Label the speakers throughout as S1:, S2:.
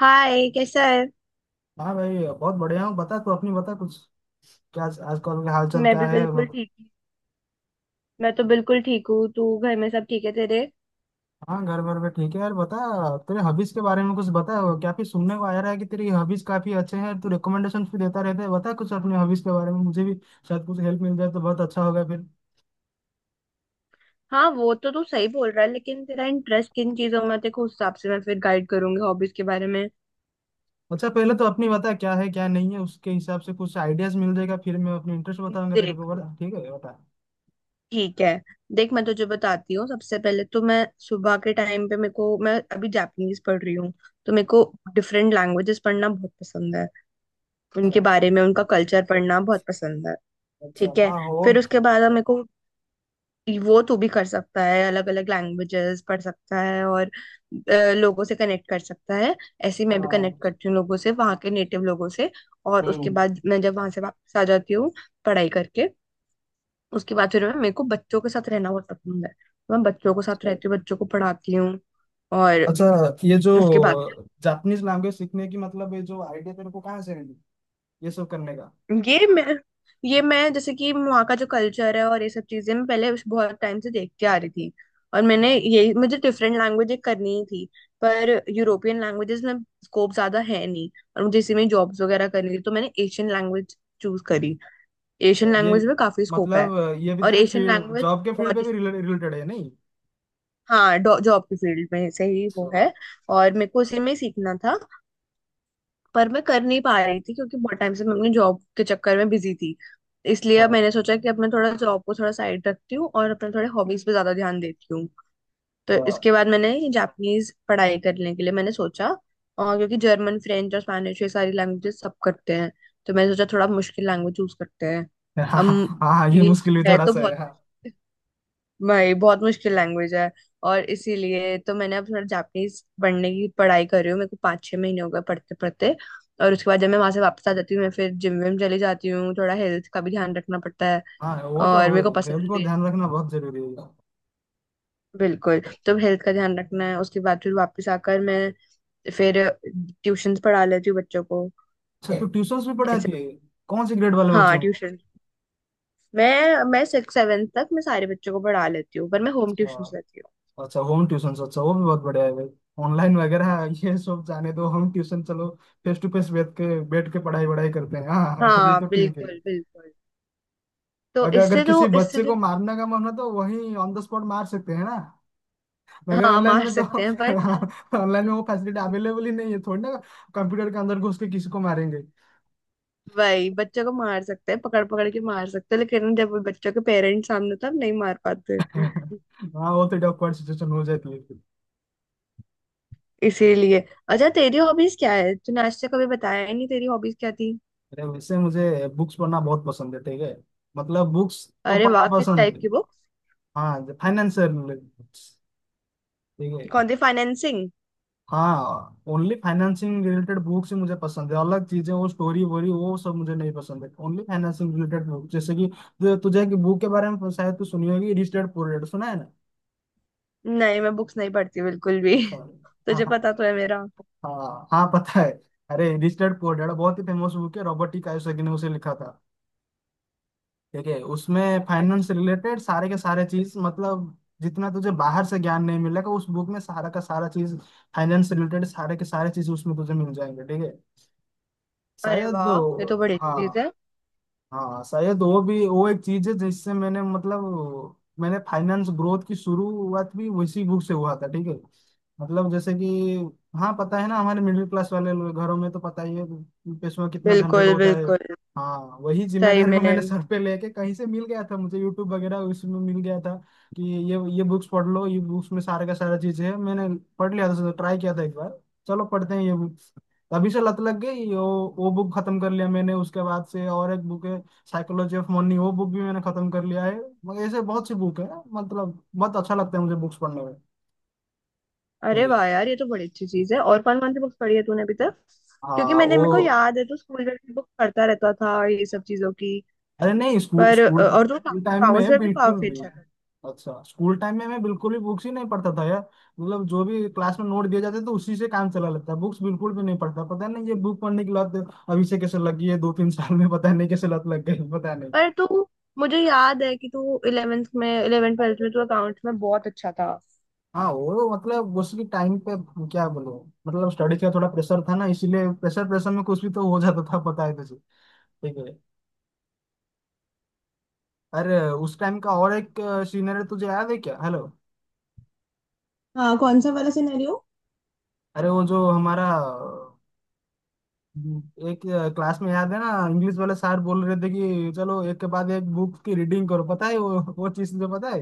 S1: हाय, कैसा है।
S2: हाँ भाई, बहुत बढ़िया हूँ। बता, तू अपनी बता कुछ। क्या आजकल का हाल चाल
S1: मैं
S2: क्या
S1: भी
S2: है
S1: बिल्कुल
S2: मतलब?
S1: ठीक हूँ। मैं तो बिल्कुल ठीक हूँ। तू घर में सब ठीक है तेरे।
S2: हाँ, घर घर में ठीक है यार। बता, तेरे हॉबीज के बारे में कुछ बता। वो क्या फिर सुनने को आ रहा है कि तेरी हॉबीज काफी अच्छे हैं, तू रिकमेंडेशन भी देता रहता है। बता कुछ अपने हॉबीज के बारे में, मुझे भी शायद कुछ हेल्प मिल जाए तो बहुत अच्छा होगा फिर।
S1: हाँ, वो तो तू सही बोल रहा है, लेकिन तेरा इंटरेस्ट किन चीजों में है, देखो उस हिसाब से मैं फिर गाइड करूंगी हॉबीज के बारे में।
S2: अच्छा, पहले तो अपनी बता क्या है क्या नहीं है, उसके हिसाब से कुछ आइडियाज मिल जाएगा। फिर मैं अपने इंटरेस्ट बताऊंगा तेरे
S1: देख।
S2: को। बता ठीक है, बता।
S1: ठीक है। देख, मैं तुझे बताती हूँ। सबसे पहले तो मैं सुबह के टाइम पे मेरे को मैं अभी जापानीज पढ़ रही हूँ। तो मेरे को डिफरेंट लैंग्वेजेस पढ़ना बहुत पसंद है।
S2: अच्छा।
S1: उनके बारे में उनका कल्चर पढ़ना बहुत पसंद है। ठीक
S2: अच्छा।
S1: है।
S2: हाँ, वो।
S1: फिर उसके बाद अब मेरे को वो तो भी कर सकता है, अलग अलग लैंग्वेजेस पढ़ सकता है और अ, लोगों से कनेक्ट कर सकता है। ऐसे ही मैं भी
S2: हाँ।
S1: कनेक्ट करती हूँ लोगों से, वहाँ के नेटिव लोगों से। और उसके
S2: हम्म।
S1: बाद मैं जब वहां से वापस आ जाती हूँ, पढ़ाई करके, उसके बाद फिर मैं मेरे को बच्चों के साथ रहना बहुत पसंद है। मैं बच्चों के साथ रहती हूँ, बच्चों को पढ़ाती हूँ। और
S2: अच्छा, ये जो
S1: उसके बाद
S2: जापानीज लैंग्वेज सीखने की मतलब ये जो आइडिया तेरे को कहाँ से मिली, ये सब करने का?
S1: ये मैं ये मैं जैसे कि वहाँ का जो कल्चर है, और ये सब चीजें मैं पहले उस बहुत टाइम से देखती आ रही थी। और
S2: अच्छा,
S1: मैंने, ये मुझे डिफरेंट लैंग्वेज करनी ही थी। पर यूरोपियन लैंग्वेजेस में स्कोप ज्यादा है नहीं। और मुझे इसी में जॉब्स वगैरह करनी थी, तो मैंने एशियन लैंग्वेज चूज करी। एशियन
S2: ये
S1: लैंग्वेज में काफी स्कोप है।
S2: मतलब ये भी
S1: और
S2: तेरे
S1: एशियन
S2: फील्ड,
S1: लैंग्वेज
S2: जॉब के फील्ड
S1: बहुत
S2: पे भी रिलेटेड है नहीं?
S1: हाँ, जॉब की फील्ड में से ही वो है।
S2: अच्छा।
S1: और मेरे को उसी में ही सीखना था। पर मैं कर नहीं पा रही थी क्योंकि बहुत टाइम से मैं अपनी जॉब के चक्कर में बिजी थी। इसलिए अब
S2: हाँ,
S1: मैंने सोचा कि अब मैं थोड़ा जॉब को थोड़ा साइड रखती हूँ, और अपने थोड़े हॉबीज पे ज्यादा ध्यान देती हूँ। तो
S2: हाँ,
S1: इसके बाद मैंने, जापानीज पढ़ाई करने के लिए मैंने सोचा। और क्योंकि जर्मन, फ्रेंच और स्पेनिश, ये सारी लैंग्वेजेस सब करते हैं, तो मैंने सोचा थोड़ा मुश्किल लैंग्वेज चूज करते हैं।
S2: हाँ,
S1: अब
S2: हाँ, ये
S1: ये
S2: मुश्किल भी
S1: है
S2: थोड़ा
S1: तो
S2: सा
S1: बहुत,
S2: है हाँ।
S1: भाई बहुत मुश्किल लैंग्वेज है। और इसीलिए तो मैंने अब थोड़ा जापानीज पढ़ने की पढ़ाई कर रही हूँ। मेरे को 5 6 महीने हो गए पढ़ते पढ़ते। और उसके बाद जब मैं वहां से वापस आ जाती हूँ, मैं फिर जिम विम चली जाती हूँ। थोड़ा हेल्थ का भी ध्यान रखना पड़ता है,
S2: हाँ, वो तो
S1: और
S2: हो।
S1: मेरे को
S2: हेल्थ
S1: पसंद
S2: को
S1: भी है।
S2: ध्यान रखना बहुत जरूरी है।
S1: बिल्कुल, तो हेल्थ का ध्यान रखना है। उसके बाद फिर वापस आकर मैं फिर ट्यूशंस पढ़ा लेती हूँ बच्चों को।
S2: अच्छा, तो ट्यूशंस भी
S1: ऐसे।
S2: पढ़ाती है? कौन से ग्रेड वाले
S1: हाँ,
S2: बच्चों
S1: ट्यूशन। मैं सिक्स सेवन तक मैं सारे बच्चों को पढ़ा लेती हूँ, पर मैं होम ट्यूशन
S2: को?
S1: लेती हूँ।
S2: अच्छा, होम ट्यूशन। अच्छा, वो भी बहुत बढ़िया है भाई। ऑनलाइन वगैरह ये सब जाने दो, होम ट्यूशन चलो। फेस टू फेस बैठ के पढ़ाई वढ़ाई करते हैं। हाँ, हाँ, ये
S1: हाँ,
S2: तो ठीक है।
S1: बिल्कुल बिल्कुल। तो
S2: अगर अगर
S1: इससे जो
S2: किसी
S1: इससे
S2: बच्चे
S1: जो
S2: को मारने का मन हो तो वहीं ऑन द स्पॉट मार सकते हैं ना? मगर
S1: हाँ,
S2: ऑनलाइन
S1: मार
S2: में तो
S1: सकते हैं, पर
S2: ऑनलाइन में वो फैसिलिटी अवेलेबल ही नहीं है थोड़ी ना। कंप्यूटर के अंदर घुस के किसी को मारेंगे?
S1: वही बच्चों को मार सकते हैं, पकड़ पकड़ के मार सकते हैं, लेकिन जब वो बच्चों के पेरेंट्स सामने, तब नहीं मार पाते।
S2: हाँ, वो तो awkward सिचुएशन हो जाती है फिर।
S1: इसीलिए। अच्छा, तेरी हॉबीज क्या है? तूने आज तक कभी बताया ही नहीं, तेरी हॉबीज क्या थी।
S2: अरे वैसे मुझे बुक्स पढ़ना बहुत पसंद है। ठीक है, मतलब बुक्स तो
S1: अरे
S2: पढ़ना
S1: वाह, किस
S2: पसंद
S1: टाइप
S2: है।
S1: की बुक?
S2: हाँ, फाइनेंस से related। ठीक है।
S1: कौन सी फाइनेंसिंग?
S2: हाँ, ओनली फाइनेंसिंग रिलेटेड बुक्स ही मुझे पसंद है। अलग चीजें वो स्टोरी वोरी वो सब मुझे नहीं पसंद है। ओनली फाइनेंसिंग रिलेटेड बुक, जैसे कि जो तुझे की बुक के बारे में शायद तू सुनी होगी, रिच डैड पुअर डैड, सुना है ना?
S1: नहीं, मैं बुक्स नहीं पढ़ती बिल्कुल भी
S2: अच्छा। हाँ,
S1: तुझे
S2: हाँ।
S1: पता तो है मेरा।
S2: हाँ, हाँ, पता है। अरे, रिच डैड पुअर डैड बहुत ही फेमस बुक है। रॉबर्ट टी कायोसाकी ने उसे लिखा था। ठीक है, उसमें फाइनेंस
S1: अच्छा।
S2: रिलेटेड सारे के सारे चीज मतलब जितना तुझे बाहर से ज्ञान नहीं मिलेगा, उस बुक में सारा का सारा चीज, फाइनेंस रिलेटेड सारे के सारे चीज उसमें तुझे मिल जाएंगे। ठीक है,
S1: अरे
S2: शायद वो।
S1: वाह, ये तो बड़ी अच्छी
S2: हाँ,
S1: चीज है।
S2: हाँ, शायद वो भी वो एक चीज है जिससे मैंने मतलब मैंने फाइनेंस ग्रोथ की शुरुआत भी उसी बुक से हुआ था। ठीक है, मतलब जैसे कि। हाँ, पता है ना हमारे मिडिल क्लास वाले लोग- घरों में तो पता ही है पैसों का कितना झंझट
S1: बिल्कुल
S2: होता है।
S1: बिल्कुल।
S2: हाँ, वही
S1: सही
S2: जिम्मेदारी
S1: में।
S2: को मैंने सर पे लेके कहीं से मिल गया था मुझे, यूट्यूब वगैरह उसमें मिल गया था कि ये बुक्स पढ़ लो, ये बुक्स में सारा का सारा चीज है। मैंने पढ़ लिया था, ट्राई किया था एक बार। चलो पढ़ते हैं ये बुक। तभी से लत लग गई। वो बुक खत्म कर लिया मैंने, उसके बाद से और एक बुक है साइकोलॉजी ऑफ मनी। वो बुक भी मैंने खत्म कर लिया है। मगर ऐसे बहुत सी बुक है, मतलब बहुत अच्छा लगता है मुझे बुक्स पढ़ने में।
S1: अरे
S2: ठीक है,
S1: वाह यार, ये तो बड़ी अच्छी चीज है। और कौन कौन सी बुक्स पढ़ी है तूने अभी तक? क्योंकि
S2: हाँ
S1: मैंने,
S2: वो।
S1: मेरे को याद है, तो स्कूल में भी बुक पढ़ता रहता था ये सब चीजों की।
S2: अरे नहीं, स्कूल
S1: पर
S2: स्कूल तो,
S1: और तू
S2: स्कूल टाइम
S1: अकाउंट्स
S2: में
S1: में भी
S2: बिल्कुल
S1: काफी
S2: भी।
S1: अच्छा था।
S2: अच्छा, स्कूल टाइम में मैं बिल्कुल भी बुक्स ही नहीं पढ़ता था यार। मतलब जो भी क्लास में नोट दिए जाते तो उसी से काम चला लेता, बुक्स बिल्कुल भी नहीं पढ़ता। पता नहीं ये बुक पढ़ने की लत अभी से कैसे लगी है, दो तीन साल में पता नहीं कैसे लत लग गई, पता नहीं।
S1: पर तू, मुझे याद है कि तू 11th 12th में तू अकाउंट्स में बहुत अच्छा था।
S2: हाँ वो मतलब उसकी टाइम पे क्या बोलो, मतलब स्टडी का थोड़ा प्रेशर था ना, इसीलिए प्रेशर प्रेशर में कुछ भी तो हो जाता था पता है तुझे। ठीक है, अरे उस टाइम का और एक सीनियर तुझे याद है क्या? हेलो?
S1: हाँ, कौन सा वाला सिनेरियो?
S2: अरे वो जो हमारा एक क्लास में याद है ना, इंग्लिश वाले सर बोल रहे थे कि चलो एक के बाद एक बुक की रीडिंग करो, पता है वो चीज तुझे पता है,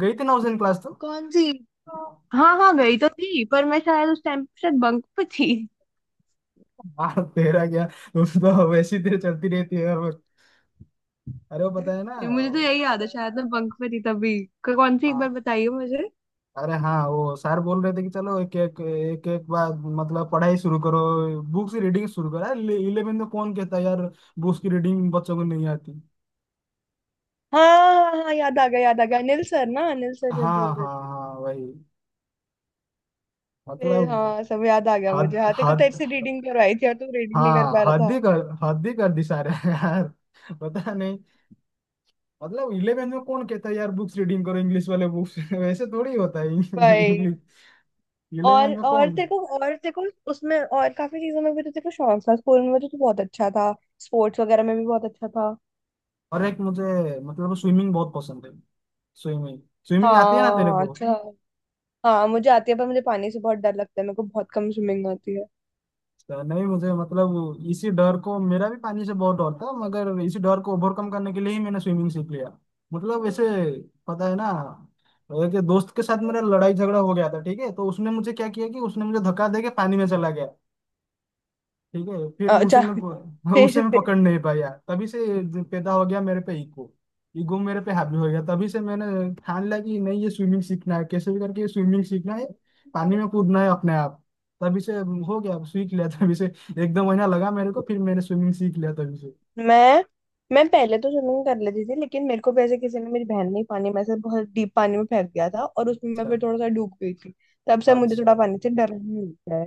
S2: गई थी ना उस दिन क्लास तो?
S1: कौन सी? हाँ हाँ, गई तो थी पर मैं शायद उस टाइम शायद बंक पे थी।
S2: हाँ तेरा क्या, उस तो वैसी तेरे चलती रहती है हर वक्त। अरे वो पता है ना।
S1: ये मुझे तो यही याद है, शायद मैं बंक पे थी तभी। कौन सी, एक बार बताइए मुझे।
S2: अरे हाँ, वो सर बोल रहे थे कि चलो एक एक बार मतलब पढ़ाई शुरू करो, बुक से रीडिंग शुरू करो। अरे इलेवेंथ में कौन कहता है यार, बुक्स की रीडिंग बच्चों को नहीं आती।
S1: हाँ हाँ हाँ, याद आ गया, याद आ गया, अनिल सर ना, अनिल सर जब बोल
S2: हाँ,
S1: रहे
S2: हाँ,
S1: थे।
S2: हाँ, वही मतलब।
S1: हाँ, सब याद आ गया
S2: हद
S1: मुझे। हाँ, तेरे
S2: हद।
S1: से रीडिंग करवाई थी और तू रीडिंग नहीं कर
S2: हाँ,
S1: पा रहा था।
S2: हद ही कर दी सारे यार। पता नहीं, मतलब इलेवेंथ में कौन कहता है यार बुक्स रीडिंग करो, इंग्लिश वाले बुक्स वैसे थोड़ी होता है
S1: भाई।
S2: इंग्लिश
S1: और
S2: इलेवेंथ में
S1: और
S2: कौन।
S1: तेरे को और तेरे को उसमें और काफी चीजों में भी तो तेरे को शौक था। स्कूल में तो तू बहुत अच्छा था, स्पोर्ट्स वगैरह में भी बहुत अच्छा था।
S2: और एक मुझे मतलब स्विमिंग बहुत पसंद है। स्विमिंग। स्विमिंग आती है ना तेरे
S1: हाँ,
S2: को?
S1: अच्छा। हाँ, मुझे आती है पर मुझे पानी से बहुत डर लगता है, मेरे को बहुत कम स्विमिंग आती है।
S2: तो नहीं मुझे मतलब इसी डर को, मेरा भी पानी से बहुत डर था, मगर इसी डर को ओवरकम करने के लिए ही मैंने स्विमिंग सीख लिया। मतलब ऐसे, पता है ना, एक दोस्त के साथ मेरा लड़ाई झगड़ा हो गया था। ठीक है, तो उसने मुझे क्या किया कि उसने मुझे धक्का दे के पानी में चला गया। ठीक है, फिर
S1: अच्छा
S2: उसे
S1: फिर
S2: मैं
S1: फिर
S2: पकड़ नहीं पाया। तभी से पैदा हो गया मेरे पे ईगो। ईगो मेरे पे हावी हो गया, तभी से मैंने ठान लिया कि नहीं ये स्विमिंग सीखना है, कैसे भी करके ये स्विमिंग सीखना है, पानी में कूदना है अपने आप। तभी से हो गया सीख लिया तभी से। एक दो महीना लगा मेरे को, फिर मैंने स्विमिंग सीख लिया तभी से।
S1: मैं मैं पहले तो स्विमिंग कर लेती थी, लेकिन मेरे को भी ऐसे किसी ने, मेरी बहन ने ही पानी में से बहुत डीप पानी में फेंक दिया था, और उसमें मैं
S2: अच्छा।
S1: फिर थोड़ा सा डूब गई थी। तब से मुझे
S2: अच्छा।
S1: थोड़ा पानी से डर लगने लग गया।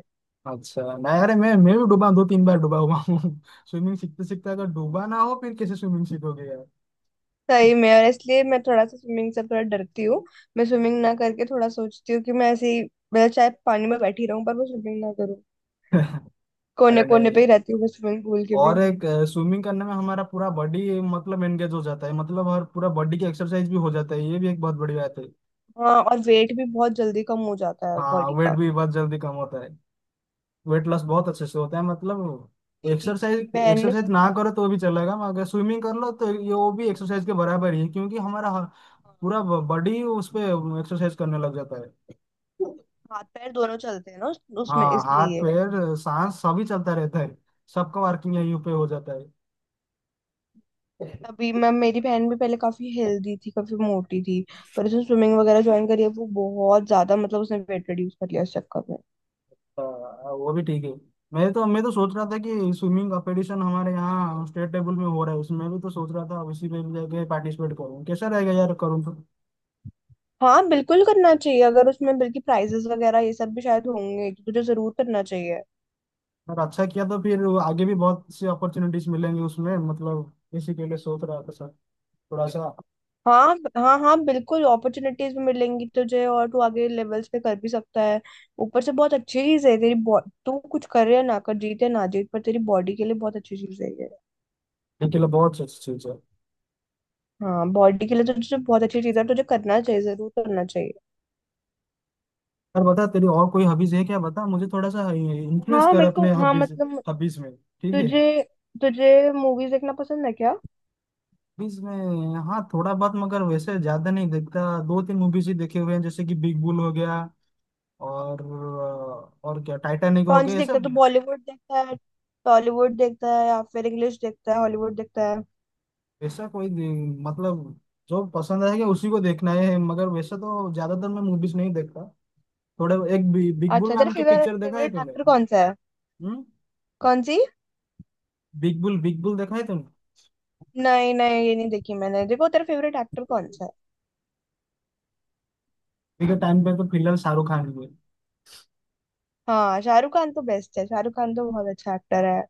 S2: अच्छा नहीं, अरे मैं भी डूबा हूँ, दो तीन बार डूबा हुआ हूँ। स्विमिंग सीखते सीखते अगर डूबा ना हो फिर कैसे स्विमिंग सीखोगे यार?
S1: सही में, और इसलिए मैं थोड़ा सा स्विमिंग से थोड़ा डरती हूँ। मैं स्विमिंग ना करके थोड़ा सोचती हूँ कि मैं ऐसे ही, मतलब चाहे पानी में बैठी रहूं पर मैं स्विमिंग ना करूँ। कोने
S2: अरे
S1: कोने पे
S2: नहीं।
S1: ही रहती हूँ मैं स्विमिंग पूल के भी।
S2: और एक, स्विमिंग करने में हमारा पूरा बॉडी मतलब एंगेज हो जाता है, मतलब हर पूरा बॉडी की एक्सरसाइज भी हो जाता है। ये भी एक बहुत बड़ी बात है।
S1: हाँ, और वेट भी बहुत जल्दी कम हो जाता है
S2: हाँ,
S1: बॉडी
S2: वेट
S1: का।
S2: भी बहुत जल्दी कम होता है। वेट लॉस बहुत अच्छे से होता है, मतलब
S1: मेरी
S2: एक्सरसाइज
S1: बहन ने
S2: एक्सरसाइज ना करो तो भी चलेगा, मगर स्विमिंग कर लो तो ये वो भी
S1: pool-
S2: एक्सरसाइज के बराबर ही है। क्योंकि हमारा
S1: हाँ,
S2: पूरा बॉडी उस पे एक्सरसाइज करने लग जाता है।
S1: हाथ पैर दोनों चलते हैं ना उसमें,
S2: हाँ, हाथ
S1: इसलिए।
S2: पैर सांस सभी चलता रहता है, सबका वर्किंग यहीं पे हो जाता है।
S1: तभी, मैं, मेरी बहन भी पहले काफी हेल्दी थी, काफी मोटी थी। पर उसने स्विमिंग वगैरह ज्वाइन करी है, वो बहुत ज्यादा, मतलब उसने वेट रिड्यूस कर लिया इस चक्कर में।
S2: वो भी ठीक है। मैं तो सोच रहा था कि स्विमिंग कंपटीशन हमारे यहाँ स्टेट लेवल में हो रहा है, उसमें भी तो सोच रहा था उसी में भी जाके पार्टिसिपेट करूँ कैसा रहेगा यार, करूँ तो।
S1: हाँ, बिल्कुल करना चाहिए। अगर उसमें बल्कि प्राइजेस वगैरह ये सब भी शायद होंगे, तो तुझे जरूर करना चाहिए।
S2: अगर अच्छा किया तो फिर आगे भी बहुत सी अपॉर्चुनिटीज मिलेंगी उसमें, मतलब इसी के लिए सोच रहा था सर, थोड़ा सा
S1: हाँ हाँ हाँ, बिल्कुल, अपॉर्चुनिटीज भी मिलेंगी तुझे, और तू आगे लेवल्स पे कर भी सकता है। ऊपर से बहुत अच्छी चीज है तेरी तू कुछ कर या ना कर, जीते ना जीत, पर तेरी बॉडी के लिए बहुत अच्छी चीज है ये।
S2: ये के लिए बहुत अच्छी चीज है।
S1: हाँ, बॉडी के लिए तो तुझे बहुत अच्छी चीज है, तुझे करना चाहिए, जरूर करना चाहिए।
S2: यार बता, तेरी और कोई हॉबीज है क्या? बता मुझे, थोड़ा सा इन्फ्लुएंस
S1: हाँ,
S2: कर
S1: मेरे को,
S2: अपने
S1: हाँ,
S2: हॉबीज।
S1: मतलब
S2: हॉबीज में ठीक है।
S1: तुझे तुझे मूवीज देखना पसंद है क्या?
S2: मूवीज में हाँ थोड़ा बहुत, मगर वैसे ज्यादा नहीं देखता। दो तीन मूवीज ही देखे हुए हैं जैसे कि बिग बुल हो गया, और और क्या टाइटैनिक हो
S1: कौन
S2: गया
S1: सी
S2: ऐसा।
S1: देखता है, तो बॉलीवुड देखता है, टॉलीवुड देखता है, या फिर इंग्लिश देखता है, हॉलीवुड देखता है?
S2: ऐसा कोई दे- मतलब जो पसंद आएगा उसी को देखना है, मगर वैसे तो ज्यादातर मैं मूवीज नहीं देखता। थोड़े एक बिग बुल
S1: अच्छा, तेरा
S2: नाम की
S1: फेवरेट
S2: पिक्चर देखा है
S1: फेवरेट
S2: तुमने?
S1: एक्टर कौन सा है?
S2: हम्म।
S1: कौन सी?
S2: बिग बुल, बिग बुल देखा है तुमने?
S1: नहीं नहीं, ये नहीं देखी मैंने, देखो तेरा फेवरेट एक्टर कौन सा है।
S2: अभी के टाइम पे तो फिलहाल शाहरुख खान की है।
S1: हाँ, शाहरुख खान तो बेस्ट है, शाहरुख खान तो बहुत अच्छा एक्टर है।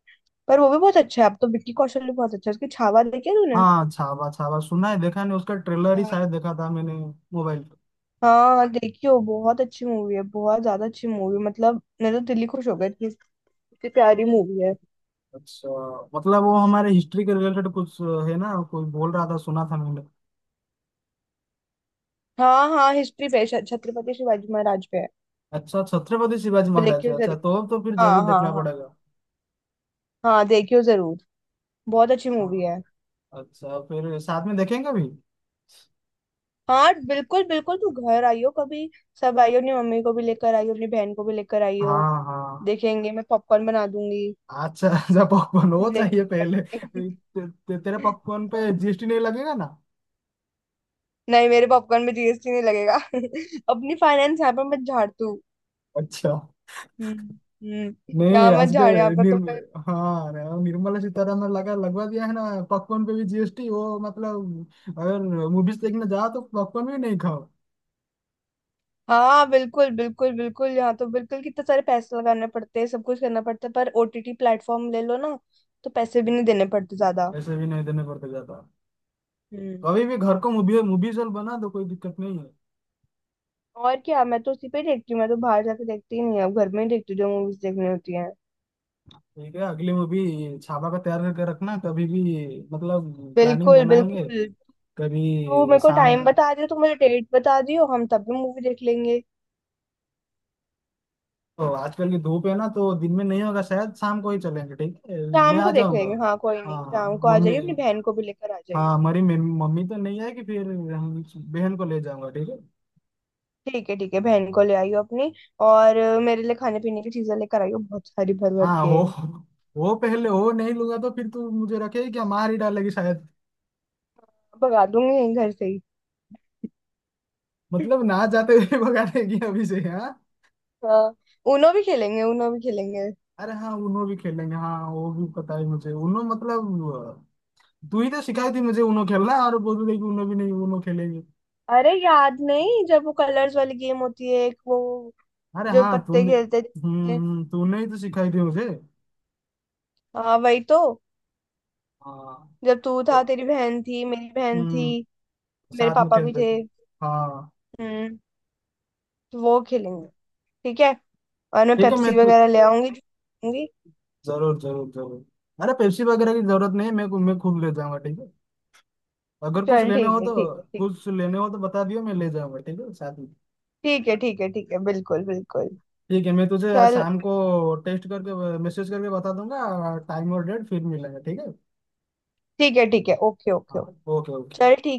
S1: पर वो भी बहुत अच्छा है, अब तो विक्की कौशल भी बहुत अच्छा है। उसकी छावा देखी है तूने?
S2: हाँ, छावा, छावा सुना है देखा नहीं, उसका ट्रेलर ही
S1: हाँ
S2: शायद देखा था मैंने मोबाइल पे।
S1: हाँ, देखी हो, बहुत अच्छी मूवी है, बहुत ज्यादा अच्छी मूवी, मतलब मेरे तो दिल ही खुश हो गया, इतनी इतनी प्यारी मूवी है।
S2: अच्छा, मतलब वो हमारे हिस्ट्री के रिलेटेड कुछ है ना, कोई बोल रहा था सुना था मैंने।
S1: हाँ हाँ, हिस्ट्री पे, छत्रपति शिवाजी महाराज पे है।
S2: अच्छा, छत्रपति शिवाजी
S1: वो
S2: महाराज,
S1: देखियो।
S2: अच्छा तो फिर
S1: हाँ
S2: जरूर
S1: हाँ
S2: देखना
S1: हाँ।
S2: पड़ेगा।
S1: हाँ, देखियो जरूर, बहुत अच्छी मूवी
S2: हाँ,
S1: है।
S2: अच्छा फिर साथ में देखेंगे भी।
S1: हाँ, बिल्कुल बिल्कुल, तू घर आइयो कभी। सब आइयो, अपनी मम्मी को भी लेकर आइयो, अपनी बहन को भी लेकर आइयो।
S2: हाँ, हाँ।
S1: देखेंगे, मैं पॉपकॉर्न बना दूंगी।
S2: अच्छा, अच्छा, पॉपकॉर्न वो
S1: देखेंगे
S2: चाहिए पहले।
S1: बैठ के।
S2: ते, ते, तेरे पॉपकॉर्न पे
S1: हाँ,
S2: जीएसटी नहीं लगेगा ना?
S1: नहीं, मेरे पॉपकॉर्न में जीएसटी नहीं लगेगा अपनी फाइनेंस यहाँ पर मत झाड़ तू।
S2: अच्छा
S1: हम्म।
S2: नहीं,
S1: यहाँ मत
S2: आज के
S1: झाड़, यहाँ पर तो
S2: निर्म
S1: मैं।
S2: हाँ ना, निर्मला सीतारमन लगा लगवा दिया है ना पॉपकॉर्न पे भी जीएसटी। वो मतलब अगर मूवीज देखने जाओ तो पॉपकॉर्न भी नहीं खाओ।
S1: हाँ बिल्कुल बिल्कुल बिल्कुल, यहाँ तो बिल्कुल कितने सारे पैसे लगाने पड़ते हैं, सब कुछ करना पड़ता है। पर ओटीटी प्लेटफॉर्म ले लो ना, तो पैसे भी नहीं देने पड़ते ज्यादा।
S2: ऐसे भी नहीं देने पड़ते ज्यादा।
S1: हम्म।
S2: कभी भी घर को मूवी मूवी चल बना दो, कोई दिक्कत नहीं है।
S1: और क्या, मैं तो उसी पे देखती हूँ, मैं तो बाहर जाके देखती ही नहीं हूँ, अब घर में ही देखती हूँ जो मूवीज देखनी होती हैं।
S2: ठीक है, अगली मूवी छापा का तैयार करके रखना कभी भी, मतलब प्लानिंग
S1: बिल्कुल
S2: बनाएंगे
S1: बिल्कुल, तू
S2: कभी
S1: मेरे को
S2: शाम।
S1: टाइम बता दियो, तू मुझे डेट बता दियो, हम तब भी मूवी देख लेंगे।
S2: ओ, आजकल की धूप है ना तो दिन में नहीं होगा शायद, शाम को ही चलेंगे ठीक है। मैं
S1: शाम
S2: आ
S1: को देख
S2: जाऊंगा।
S1: लेंगे, हाँ, कोई नहीं, शाम
S2: हाँ
S1: को आ
S2: मम्मी,
S1: जाइयो, अपनी बहन को भी लेकर आ
S2: हाँ
S1: जाइयो।
S2: हमारी मम्मी तो नहीं आएगी, फिर हम बहन को ले जाऊंगा ठीक है।
S1: ठीक है ठीक है, बहन को ले आइयो अपनी। और मेरे लिए खाने पीने की चीजें लेकर आइयो, बहुत सारी भर भर
S2: हाँ,
S1: के।
S2: वो पहले, वो नहीं लूंगा तो फिर तू मुझे रखेगी क्या, मार ही डालेगी शायद।
S1: भगा दूंगी यहीं घर से ही।
S2: मतलब ना जाते हुए भगा देगी अभी से हाँ।
S1: हाँ। उनो भी खेलेंगे, उनो भी खेलेंगे।
S2: अरे हाँ, उनो भी खेलेंगे। हाँ, वो भी पता है मुझे उनो, मतलब तू ही तो सिखाई थी मुझे उनो खेलना, और बोल रही कि उनो भी नहीं, उनो खेलेंगे।
S1: अरे याद नहीं, जब वो कलर्स वाली गेम होती है, एक वो,
S2: अरे
S1: जो
S2: हाँ
S1: पत्ते
S2: तूने,
S1: खेलते
S2: हम्म,
S1: थे।
S2: तूने ही तो सिखाई थी मुझे।
S1: हाँ, वही तो,
S2: हाँ,
S1: जब तू
S2: तो,
S1: था, तेरी बहन थी, मेरी बहन थी,
S2: हम्म,
S1: मेरे
S2: साथ में
S1: पापा भी
S2: खेलते
S1: थे।
S2: थे हाँ।
S1: हम्म। तो वो खेलेंगे। ठीक है। और मैं
S2: ठीक है,
S1: पेप्सी वगैरह ले आऊंगी जो खाऊंगी।
S2: जरूर जरूर जरूर। अरे पेप्सी वगैरह की जरूरत नहीं है, मैं खुद ले जाऊंगा ठीक है। अगर कुछ
S1: चल,
S2: लेने
S1: ठीक
S2: हो
S1: है
S2: तो
S1: ठीक है ठीक।
S2: कुछ लेने हो तो बता दियो, मैं ले जाऊंगा ठीक है साथ में।
S1: ठीक है ठीक है ठीक है, बिल्कुल बिल्कुल।
S2: ठीक है, मैं तुझे आज
S1: चल,
S2: शाम को टेस्ट करके मैसेज करके बता दूंगा टाइम और डेट, फिर मिलेंगे ठीक है।
S1: ठीक है ठीक है, ओके ओके
S2: हाँ,
S1: ओके।
S2: ओके,
S1: चल,
S2: ओके।
S1: ठीक।